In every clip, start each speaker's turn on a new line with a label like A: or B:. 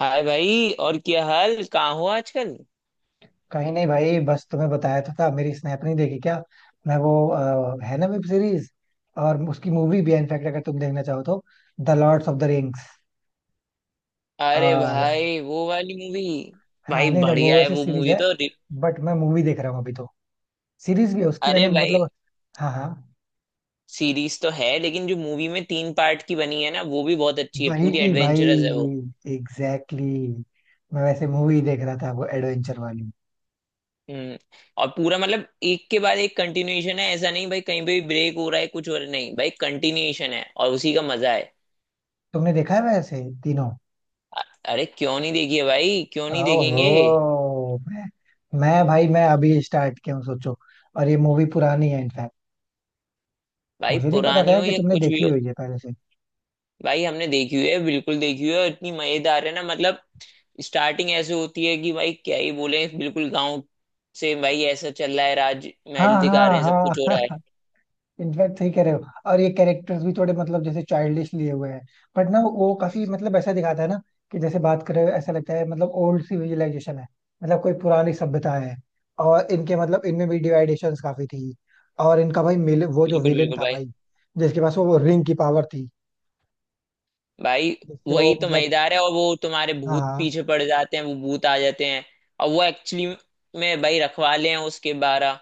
A: हाय भाई, और क्या हाल, कहाँ हो आजकल।
B: कहीं नहीं भाई, बस तुम्हें बताया तो था, मेरी स्नैप नहीं देखी क्या। मैं वो है ना वेब सीरीज, और उसकी मूवी भी है इनफैक्ट, अगर तुम देखना चाहो तो। The lords of the rings.
A: अरे
B: और
A: भाई, वो वाली मूवी।
B: हाँ,
A: भाई
B: नहीं ना,
A: बढ़िया
B: वो
A: है
B: ऐसे
A: वो
B: सीरीज
A: मूवी
B: है,
A: तो
B: बट मैं मूवी देख रहा हूँ अभी तो। सीरीज भी है उसकी,
A: अरे
B: मैंने
A: भाई,
B: मतलब। हाँ हाँ,
A: सीरीज तो है लेकिन जो मूवी में तीन पार्ट की बनी है ना, वो भी बहुत अच्छी है,
B: वही
A: पूरी
B: की भाई।
A: एडवेंचरस है वो।
B: Exactly exactly। मैं वैसे मूवी देख रहा था, वो एडवेंचर वाली।
A: हम्म। और पूरा मतलब एक के बाद एक कंटिन्यूएशन है, ऐसा नहीं भाई कहीं पे भी ब्रेक हो रहा है कुछ हो रहा है, नहीं भाई कंटिन्यूएशन है और उसी का मजा है।
B: तुमने देखा है वैसे तीनों?
A: अरे क्यों नहीं देखी है भाई, क्यों नहीं देखेंगे।
B: ओहो, मैं भाई, मैं अभी स्टार्ट किया हूँ, सोचो। और ये मूवी पुरानी है इनफैक्ट।
A: भाई
B: मुझे नहीं पता था
A: पुरानी
B: यार
A: हो
B: कि
A: या
B: तुमने
A: कुछ भी
B: देखी
A: हो।
B: हुई है पहले से।
A: भाई हमने देखी हुई है, बिल्कुल देखी हुई है, और इतनी मजेदार है ना मतलब। स्टार्टिंग ऐसे होती है कि भाई क्या ही बोले, बिल्कुल गांव से भाई ऐसा चल रहा है, राज
B: हाँ
A: महल दिखा रहे
B: हाँ
A: हैं, सब
B: हाँ
A: कुछ हो रहा है।
B: हाँ। इनफैक्ट सही कह रहे हो, और ये कैरेक्टर्स भी थोड़े मतलब जैसे चाइल्डिश लिए हुए हैं, बट ना वो काफी मतलब ऐसा दिखाता है ना, कि जैसे बात कर रहे हो ऐसा लगता है, मतलब ओल्ड सिविलाइजेशन है, मतलब कोई पुरानी सभ्यता है। और इनके मतलब इनमें भी डिवाइडेशंस काफी थी। और इनका भाई मिल, वो जो
A: बिल्कुल
B: विलेन
A: बिल्कुल
B: था
A: भाई।
B: भाई, जिसके पास वो रिंग की पावर थी,
A: भाई
B: जिससे वो
A: वही तो
B: मतलब।
A: मजेदार है, और वो तुम्हारे
B: हाँ
A: भूत
B: हाँ।
A: पीछे पड़ जाते हैं, वो भूत आ जाते हैं। और वो एक्चुअली में भाई रखवाले हैं उसके 12।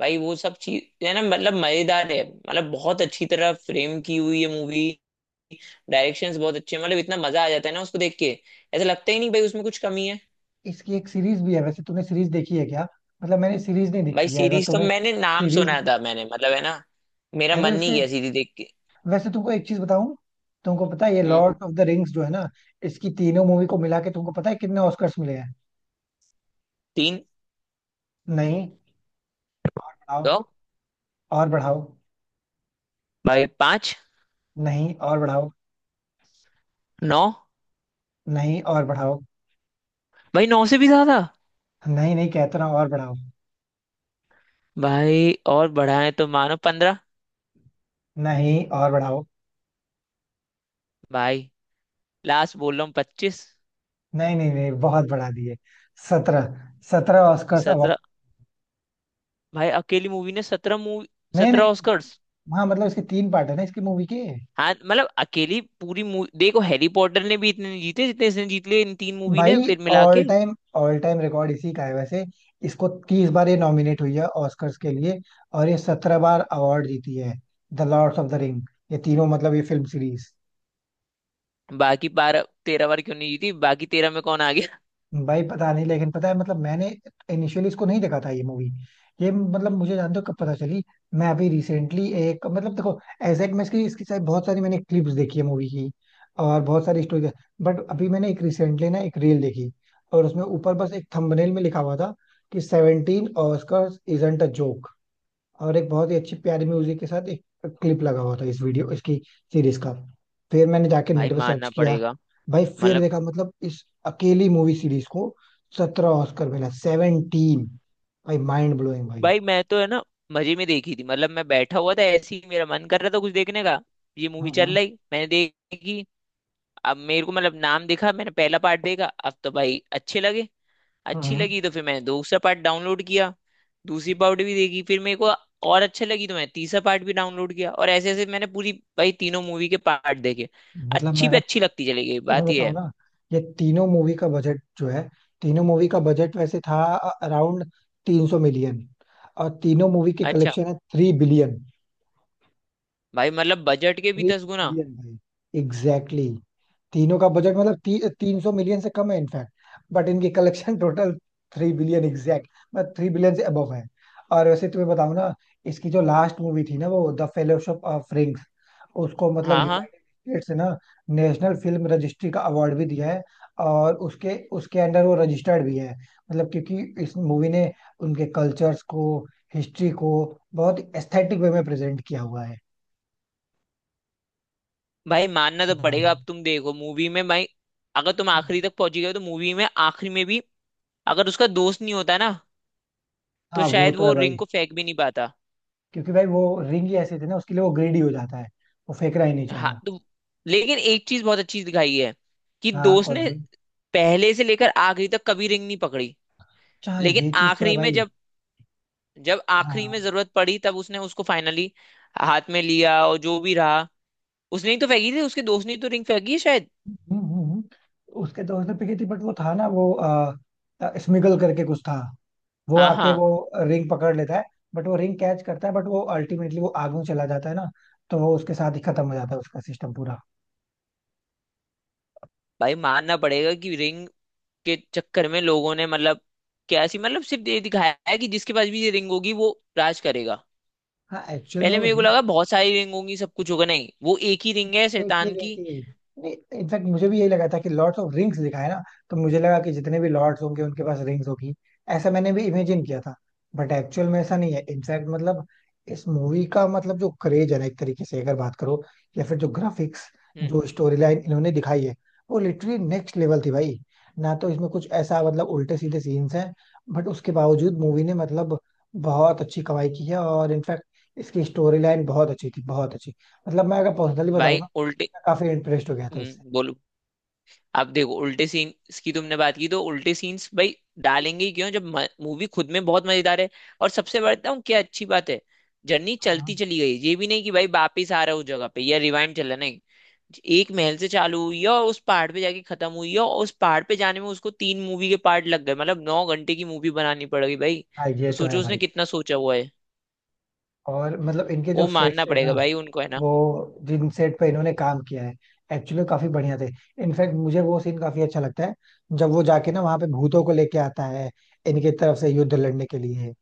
A: भाई वो सब चीज है ना, मतलब मजेदार है, मतलब बहुत अच्छी तरह फ्रेम की हुई है मूवी। डायरेक्शंस बहुत अच्छे हैं, मतलब इतना मजा आ जाता है ना उसको देख के, ऐसा लगता ही नहीं भाई उसमें कुछ कमी है।
B: इसकी एक सीरीज भी है वैसे, तुमने सीरीज देखी है क्या? मतलब मैंने सीरीज नहीं
A: भाई
B: देखी है, अगर
A: सीरीज तो
B: तुमने
A: मैंने नाम
B: सीरीज।
A: सुना था, मैंने मतलब है ना, मेरा
B: अरे
A: मन नहीं
B: उसके,
A: गया सीरीज देख के।
B: वैसे तुमको एक चीज बताऊं, तुमको पता है ये
A: हम्म।
B: लॉर्ड ऑफ द रिंग्स जो है ना, इसकी तीनों मूवी को मिला के तुमको पता है कितने ऑस्कर्स मिले हैं?
A: तीन।
B: नहीं, आओ।
A: दो।
B: और बढ़ाओ।
A: भाई पांच।
B: नहीं, और बढ़ाओ।
A: नौ।
B: नहीं, और बढ़ाओ।
A: भाई नौ से भी ज्यादा।
B: नहीं, नहीं कहता ना, और बढ़ाओ।
A: भाई और बढ़ाए तो मानो 15।
B: नहीं, और बढ़ाओ।
A: भाई लास्ट बोल रहा हूँ, 25।
B: नहीं नहीं नहीं, बहुत बढ़ा दिए। 17। 17 ऑस्कर्स अवार्ड।
A: सत्रह। भाई अकेली मूवी ने 17 मूवी।
B: नहीं
A: सत्रह
B: नहीं।
A: ऑस्कर्स।
B: हाँ मतलब इसके तीन पार्ट है ना इसकी मूवी के।
A: हाँ मतलब अकेली पूरी मूवी, देखो हैरी पॉटर ने भी इतने नहीं जीते जितने इसने जीत लिए, इन तीन मूवी ने
B: भाई
A: फिर मिला
B: ऑल
A: के।
B: टाइम, ऑल टाइम रिकॉर्ड इसी का है वैसे। इसको 30 बार ये नॉमिनेट हुई है ऑस्कर्स के लिए, और ये 17 बार अवार्ड जीती है। The lords of the ring, ये तीनों मतलब ये फिल्म सीरीज।
A: बाकी 12 13 बार क्यों नहीं जीती, बाकी 13 में कौन आ गया।
B: भाई पता नहीं, लेकिन पता है, मतलब मैंने इनिशियली इसको नहीं देखा था, ये मूवी। ये मतलब मुझे जानते हो कब पता चली? मैं अभी रिसेंटली एक मतलब देखो, एग्जैक्ट, मैं इसकी इसकी शायद बहुत सारी मैंने क्लिप्स देखी है मूवी की, और बहुत सारी स्टोरी। बट अभी मैंने एक रिसेंटली ना एक रील देखी, और उसमें ऊपर बस एक थंबनेल में लिखा हुआ था कि 17 ऑस्कर्स इजंट अ जोक। और एक बहुत ही अच्छी प्यारी म्यूजिक के साथ एक क्लिप लगा हुआ था, इस वीडियो इसकी सीरीज का। फिर मैंने जाके
A: भाई
B: नेट पे सर्च
A: मानना
B: किया।
A: पड़ेगा।
B: भाई फिर
A: मतलब।
B: देखा मतलब इस अकेली मूवी सीरीज को, 17 ऑस्कर मिला 17। भाई माइंड ब्लोइंग भाई।
A: भाई मैं तो है ना मजे में देखी थी, मतलब मैं बैठा हुआ था ऐसे ही, मेरा मन कर रहा था कुछ देखने का। ये मूवी चल
B: हम्म
A: रही। मैंने देखी। अब मेरे को मतलब नाम दिखा, मैंने पहला पार्ट देखा, अब तो भाई अच्छे लगे।
B: हम्म
A: अच्छी
B: हम्म।
A: लगी तो फिर मैंने दूसरा पार्ट डाउनलोड किया। दूसरी पार्ट भी देखी, फिर मेरे को और अच्छा लगी तो मैंने तीसरा पार्ट भी डाउनलोड किया, और ऐसे ऐसे मैंने पूरी। भाई तीनों मूवी के पार्ट देखे।
B: मतलब मैं
A: अच्छी पे
B: अगर
A: अच्छी लगती चली गई,
B: तुम्हें
A: बात यह
B: बताऊं
A: है।
B: ना, ये तीनों मूवी का बजट जो है, तीनों मूवी का बजट वैसे था अराउंड 300 मिलियन, और तीनों मूवी के
A: अच्छा।
B: कलेक्शन है 3 बिलियन।
A: भाई मतलब बजट के भी
B: थ्री
A: 10 गुना।
B: बिलियन भाई। एग्जैक्टली, तीनों का बजट मतलब 300 मिलियन से कम है इनफैक्ट, बट इनकी कलेक्शन टोटल 3 बिलियन एग्जैक्ट, मतलब 3 बिलियन से अबव है। और वैसे तुम्हें बताऊं ना, इसकी जो लास्ट मूवी थी ना वो द फेलोशिप ऑफ रिंग्स, उसको मतलब
A: हाँ हाँ।
B: यूनाइटेड स्टेट्स से ना नेशनल फिल्म रजिस्ट्री का अवार्ड भी दिया है, और उसके उसके अंडर वो रजिस्टर्ड भी है, मतलब क्योंकि इस मूवी ने उनके कल्चर्स को, हिस्ट्री को बहुत एस्थेटिक वे में प्रेजेंट किया हुआ है।
A: भाई मानना तो
B: हाँ,
A: पड़ेगा, अब तुम देखो मूवी में भाई, अगर तुम आखिरी तक पहुंची गए हो, तो मूवी में आखिरी में भी अगर उसका दोस्त नहीं होता ना, तो
B: हाँ वो
A: शायद
B: तो है
A: वो
B: भाई।
A: रिंग को फेंक भी नहीं पाता।
B: क्योंकि भाई वो रिंग ही ऐसे थे ना, उसके लिए वो ग्रेडी हो जाता है, वो फेंक ही नहीं
A: हाँ
B: चाहता।
A: तो, लेकिन एक चीज बहुत अच्छी दिखाई है कि
B: हाँ
A: दोस्त
B: कौन
A: ने
B: सी?
A: पहले से लेकर आखिरी तक कभी रिंग नहीं पकड़ी।
B: अच्छा हाँ,
A: लेकिन
B: ये चीज तो है
A: आखिरी में
B: भाई।
A: जब, जब आखिरी
B: हाँ।
A: में जरूरत पड़ी, तब उसने उसको फाइनली हाथ में लिया, और जो भी रहा उसने ही तो फेंकी थी, उसके दोस्त ने ही तो रिंग फेंकी है शायद।
B: हम्म, हम्म, हम्म। उसके दोस्त ने पीटी थी, बट वो था ना वो स्मिगल करके कुछ था, वो
A: हाँ
B: आके
A: हाँ।
B: वो रिंग पकड़ लेता है, बट वो रिंग कैच करता है, बट वो अल्टीमेटली वो आग में चला जाता है ना, तो वो उसके साथ ही खत्म हो जाता है, उसका सिस्टम पूरा।
A: भाई मानना पड़ेगा कि रिंग के चक्कर में लोगों ने मतलब क्या ऐसी, मतलब सिर्फ ये दिखाया है कि जिसके पास भी ये रिंग होगी वो राज करेगा।
B: हाँ एक्चुअल में
A: पहले
B: वो
A: मेरे को
B: रिंग
A: लगा बहुत सारी रिंग होंगी सब कुछ होगा, नहीं वो एक ही रिंग है
B: एक ही
A: शैतान
B: रिंग
A: की।
B: थी। नहीं, इनफैक्ट मुझे भी यही लगा था कि लॉर्ड्स ऑफ रिंग्स लिखा है ना, तो मुझे लगा कि जितने भी लॉर्ड्स होंगे उनके पास रिंग्स होगी, ऐसा मैंने भी इमेजिन किया था। बट एक्चुअल में ऐसा नहीं है। इनफैक्ट मतलब इस मूवी का मतलब जो क्रेज है ना, एक तरीके से अगर बात करो, या फिर जो ग्राफिक्स,
A: हम्म।
B: जो स्टोरी लाइन इन्होंने दिखाई है, वो लिटरली नेक्स्ट लेवल थी भाई। ना तो इसमें कुछ ऐसा मतलब उल्टे सीधे सीन्स हैं, बट उसके बावजूद मूवी ने मतलब बहुत अच्छी कमाई की है, और इनफैक्ट इसकी स्टोरी लाइन बहुत अच्छी थी, बहुत अच्छी। मतलब मैं अगर पर्सनली बताऊं
A: भाई
B: ना,
A: उल्टे।
B: काफी इम्प्रेस्ड हो गया था इससे।
A: बोलो। आप देखो उल्टे सीन की तुमने बात की, तो उल्टे सीन्स भाई डालेंगे ही क्यों जब मूवी खुद में बहुत मजेदार है। और सबसे बढ़ता हूँ क्या अच्छी बात है, जर्नी
B: हाँ
A: चलती चली गई, ये भी नहीं कि भाई वापिस आ रहा हूँ जगह पे या रिवाइंड चल रहा है, नहीं। एक महल से चालू हुई है और उस पहाड़ पे जाके खत्म हुई है, और उस पहाड़ पे जाने में उसको तीन मूवी के पार्ट लग गए, मतलब 9 घंटे की मूवी बनानी पड़ेगी भाई।
B: हाँ, ये
A: तो
B: तो है
A: सोचो उसने
B: भाई।
A: कितना सोचा हुआ है।
B: और मतलब इनके जो
A: वो
B: सेट्स
A: मानना
B: है
A: पड़ेगा
B: ना,
A: भाई उनको है ना।
B: वो जिन सेट पे इन्होंने काम किया है, एक्चुअली काफी बढ़िया थे। इनफैक्ट मुझे वो सीन काफी अच्छा लगता है, जब वो जाके ना वहां पे भूतों को लेके आता है, इनके तरफ से युद्ध लड़ने के लिए।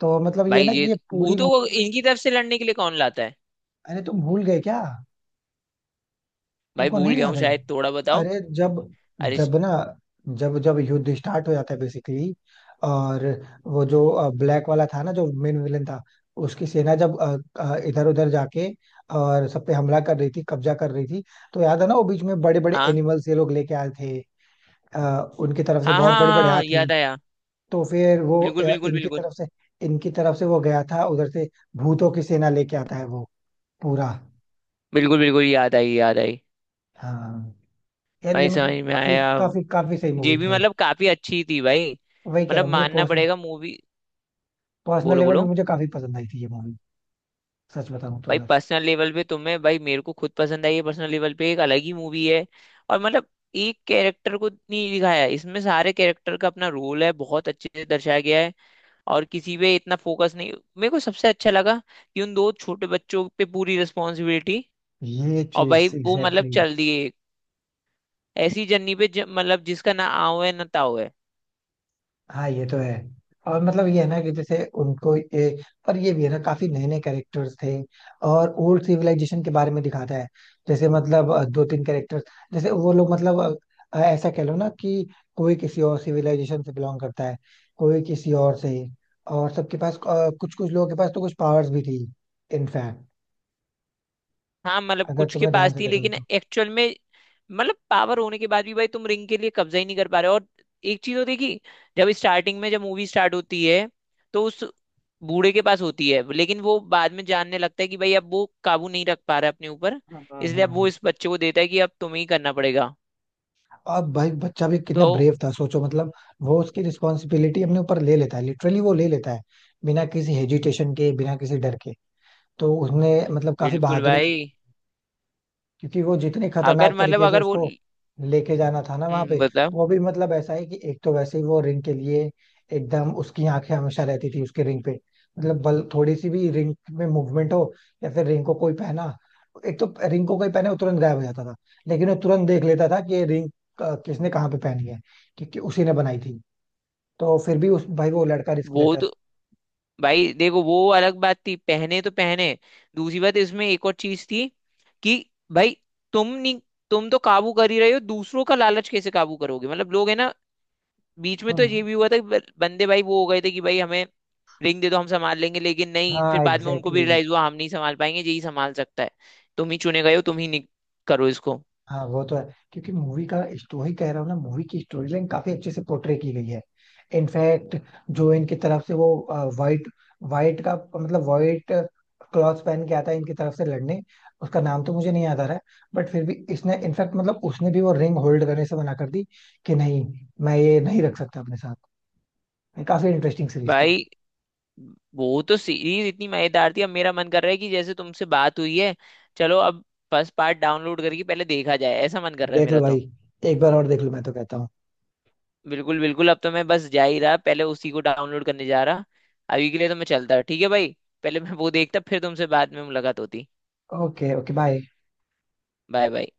B: तो मतलब ये
A: भाई
B: ना कि
A: ये
B: ये पूरी
A: भूतों को
B: मूवी।
A: इनकी तरफ से लड़ने के लिए कौन लाता है।
B: अरे तुम भूल गए क्या?
A: भाई
B: तुमको
A: भूल
B: नहीं
A: गया
B: याद
A: हूँ
B: है?
A: शायद, थोड़ा बताओ।
B: अरे जब,
A: अरे।
B: जब ना, जब जब युद्ध स्टार्ट हो जाता है बेसिकली, और वो जो ब्लैक वाला था ना, जो मेन विलेन था, उसकी सेना जब इधर उधर जाके, और सब पे हमला कर रही थी, कब्जा कर रही थी, तो याद है ना वो बीच में बड़े बड़े
A: हाँ
B: एनिमल्स ये लोग लेके आए थे, उनकी तरफ से
A: हाँ
B: बहुत
A: हाँ
B: बड़े
A: हाँ,
B: बड़े
A: हाँ,
B: हाथी।
A: याद आया।
B: तो फिर वो
A: बिल्कुल बिल्कुल
B: इनकी
A: बिल्कुल।
B: तरफ से, इनकी तरफ से वो गया था उधर से, भूतों की सेना लेके आता है वो पूरा।
A: बिल्कुल बिल्कुल याद आई याद आई।
B: हाँ। यार ये
A: भाई समझ
B: मतलब
A: में
B: काफी
A: आया।
B: काफी काफी सही
A: ये
B: मूवी थी
A: भी
B: भाई।
A: मतलब काफी अच्छी थी भाई।
B: वही कह रहा
A: मतलब
B: हूँ, मुझे
A: मानना पड़ेगा मूवी।
B: पर्सनल
A: बोलो
B: लेवल पे
A: बोलो।
B: मुझे काफी पसंद आई थी ये मूवी, सच बताऊं तो।
A: भाई
B: अगर
A: पर्सनल लेवल पे तुम्हें, भाई मेरे को खुद पसंद आई है, पर्सनल लेवल पे एक अलग ही मूवी है। और मतलब एक कैरेक्टर को नहीं दिखाया है। इसमें सारे कैरेक्टर का अपना रोल है, बहुत अच्छे से दर्शाया गया है। और किसी पे इतना फोकस नहीं, मेरे को सबसे अच्छा लगा कि उन दो छोटे बच्चों पे पूरी रिस्पॉन्सिबिलिटी।
B: ये
A: और भाई
B: चीज
A: वो मतलब
B: एग्जैक्टली exactly,
A: चल दिए ऐसी जर्नी पे मतलब जिसका ना आओ है ना ताओ है।
B: हाँ ये तो है। और मतलब ये है ना कि जैसे उनको ये, और ये भी है ना, काफी नए नए कैरेक्टर्स थे, और ओल्ड सिविलाइजेशन के बारे में दिखाता है। जैसे मतलब दो तीन कैरेक्टर्स, जैसे वो लोग मतलब ऐसा कह लो ना कि कोई किसी और सिविलाइजेशन से बिलोंग करता है, कोई किसी और से, और सबके पास कुछ, कुछ लोगों के पास तो कुछ पावर्स भी थी इनफैक्ट,
A: हाँ मतलब
B: अगर
A: कुछ के
B: तुमने ध्यान
A: पास
B: से
A: थी,
B: देखा हो
A: लेकिन
B: तो।
A: एक्चुअल में मतलब पावर होने के बाद भी भाई तुम रिंग के लिए कब्जा ही नहीं कर पा रहे हो। और एक चीज होती है कि जब स्टार्टिंग में जब मूवी स्टार्ट होती है तो उस बूढ़े के पास होती है, लेकिन वो बाद में जानने लगता है कि भाई अब वो काबू नहीं रख पा रहा है अपने ऊपर,
B: हाँ हाँ
A: इसलिए अब वो
B: हाँ।
A: इस बच्चे को देता है कि अब तुम्हें ही करना पड़ेगा।
B: अब भाई बच्चा भी कितना
A: तो
B: ब्रेव था, सोचो मतलब, वो उसकी रिस्पॉन्सिबिलिटी अपने ऊपर ले लेता है, लिटरली वो ले लेता है, बिना किसी हेजिटेशन के, बिना किसी डर के। तो उसने मतलब काफी
A: बिल्कुल
B: बहादुरी भी,
A: भाई।
B: क्योंकि वो जितने
A: अगर
B: खतरनाक
A: मतलब
B: तरीके से
A: अगर वो।
B: उसको लेके जाना था ना वहां पे,
A: बताओ।
B: वो भी मतलब ऐसा है कि एक तो वैसे ही वो रिंग के लिए एकदम उसकी आंखें हमेशा रहती थी उसके रिंग पे, मतलब बल थोड़ी सी भी रिंग में मूवमेंट हो, या फिर रिंग को कोई पहना, एक तो रिंग को कोई पहने वो तुरंत गायब हो जाता था, लेकिन वो तुरंत देख लेता था कि ये रिंग किसने कहाँ पे पहनी है, क्योंकि उसी ने बनाई थी। तो फिर भी उस भाई वो लड़का रिस्क
A: वो
B: लेता है।
A: तो भाई देखो वो अलग बात थी, पहने तो पहने। दूसरी बात इसमें एक और चीज थी कि भाई तुम नहीं, तुम तो काबू कर ही रहे हो, दूसरों का लालच कैसे काबू करोगे, मतलब लोग है ना। बीच में तो ये
B: हाँ।
A: भी हुआ था कि बंदे भाई वो हो गए थे कि भाई हमें रिंग दे दो हम संभाल लेंगे, लेकिन नहीं फिर
B: हाँ
A: बाद में उनको भी
B: एग्जैक्टली।
A: रियलाइज हुआ हम नहीं संभाल पाएंगे, यही संभाल सकता है। तुम ही चुने गए हो, तुम ही करो इसको।
B: हाँ वो तो है। क्योंकि मूवी का स्टोरी कह रहा हूँ ना, मूवी की स्टोरी लाइन काफी अच्छे से पोर्ट्रे की गई है इनफैक्ट। जो इनकी तरफ से वो वाइट, वाइट का मतलब वाइट क्लॉथ पहन के आता है इनकी तरफ से लड़ने, उसका नाम तो मुझे नहीं याद आ रहा है, बट फिर भी इसने इनफैक्ट मतलब उसने भी वो रिंग होल्ड करने से मना कर दी, कि नहीं मैं ये नहीं रख सकता अपने साथ। ये काफी इंटरेस्टिंग सीरीज थी।
A: भाई वो तो सीरीज इतनी मजेदार थी, अब मेरा मन कर रहा है कि जैसे तुमसे बात हुई है, चलो अब फर्स्ट पार्ट डाउनलोड करके पहले देखा जाए, ऐसा मन कर रहा है
B: देख लो
A: मेरा
B: भाई,
A: तो।
B: एक बार और देख लो मैं तो कहता हूँ।
A: बिल्कुल बिल्कुल, अब तो मैं बस जा ही रहा, पहले उसी को डाउनलोड करने जा रहा। अभी के लिए तो मैं चलता, ठीक है भाई। पहले मैं वो देखता, फिर तुमसे बाद में मुलाकात होती।
B: Okay okay bye.
A: Bye bye.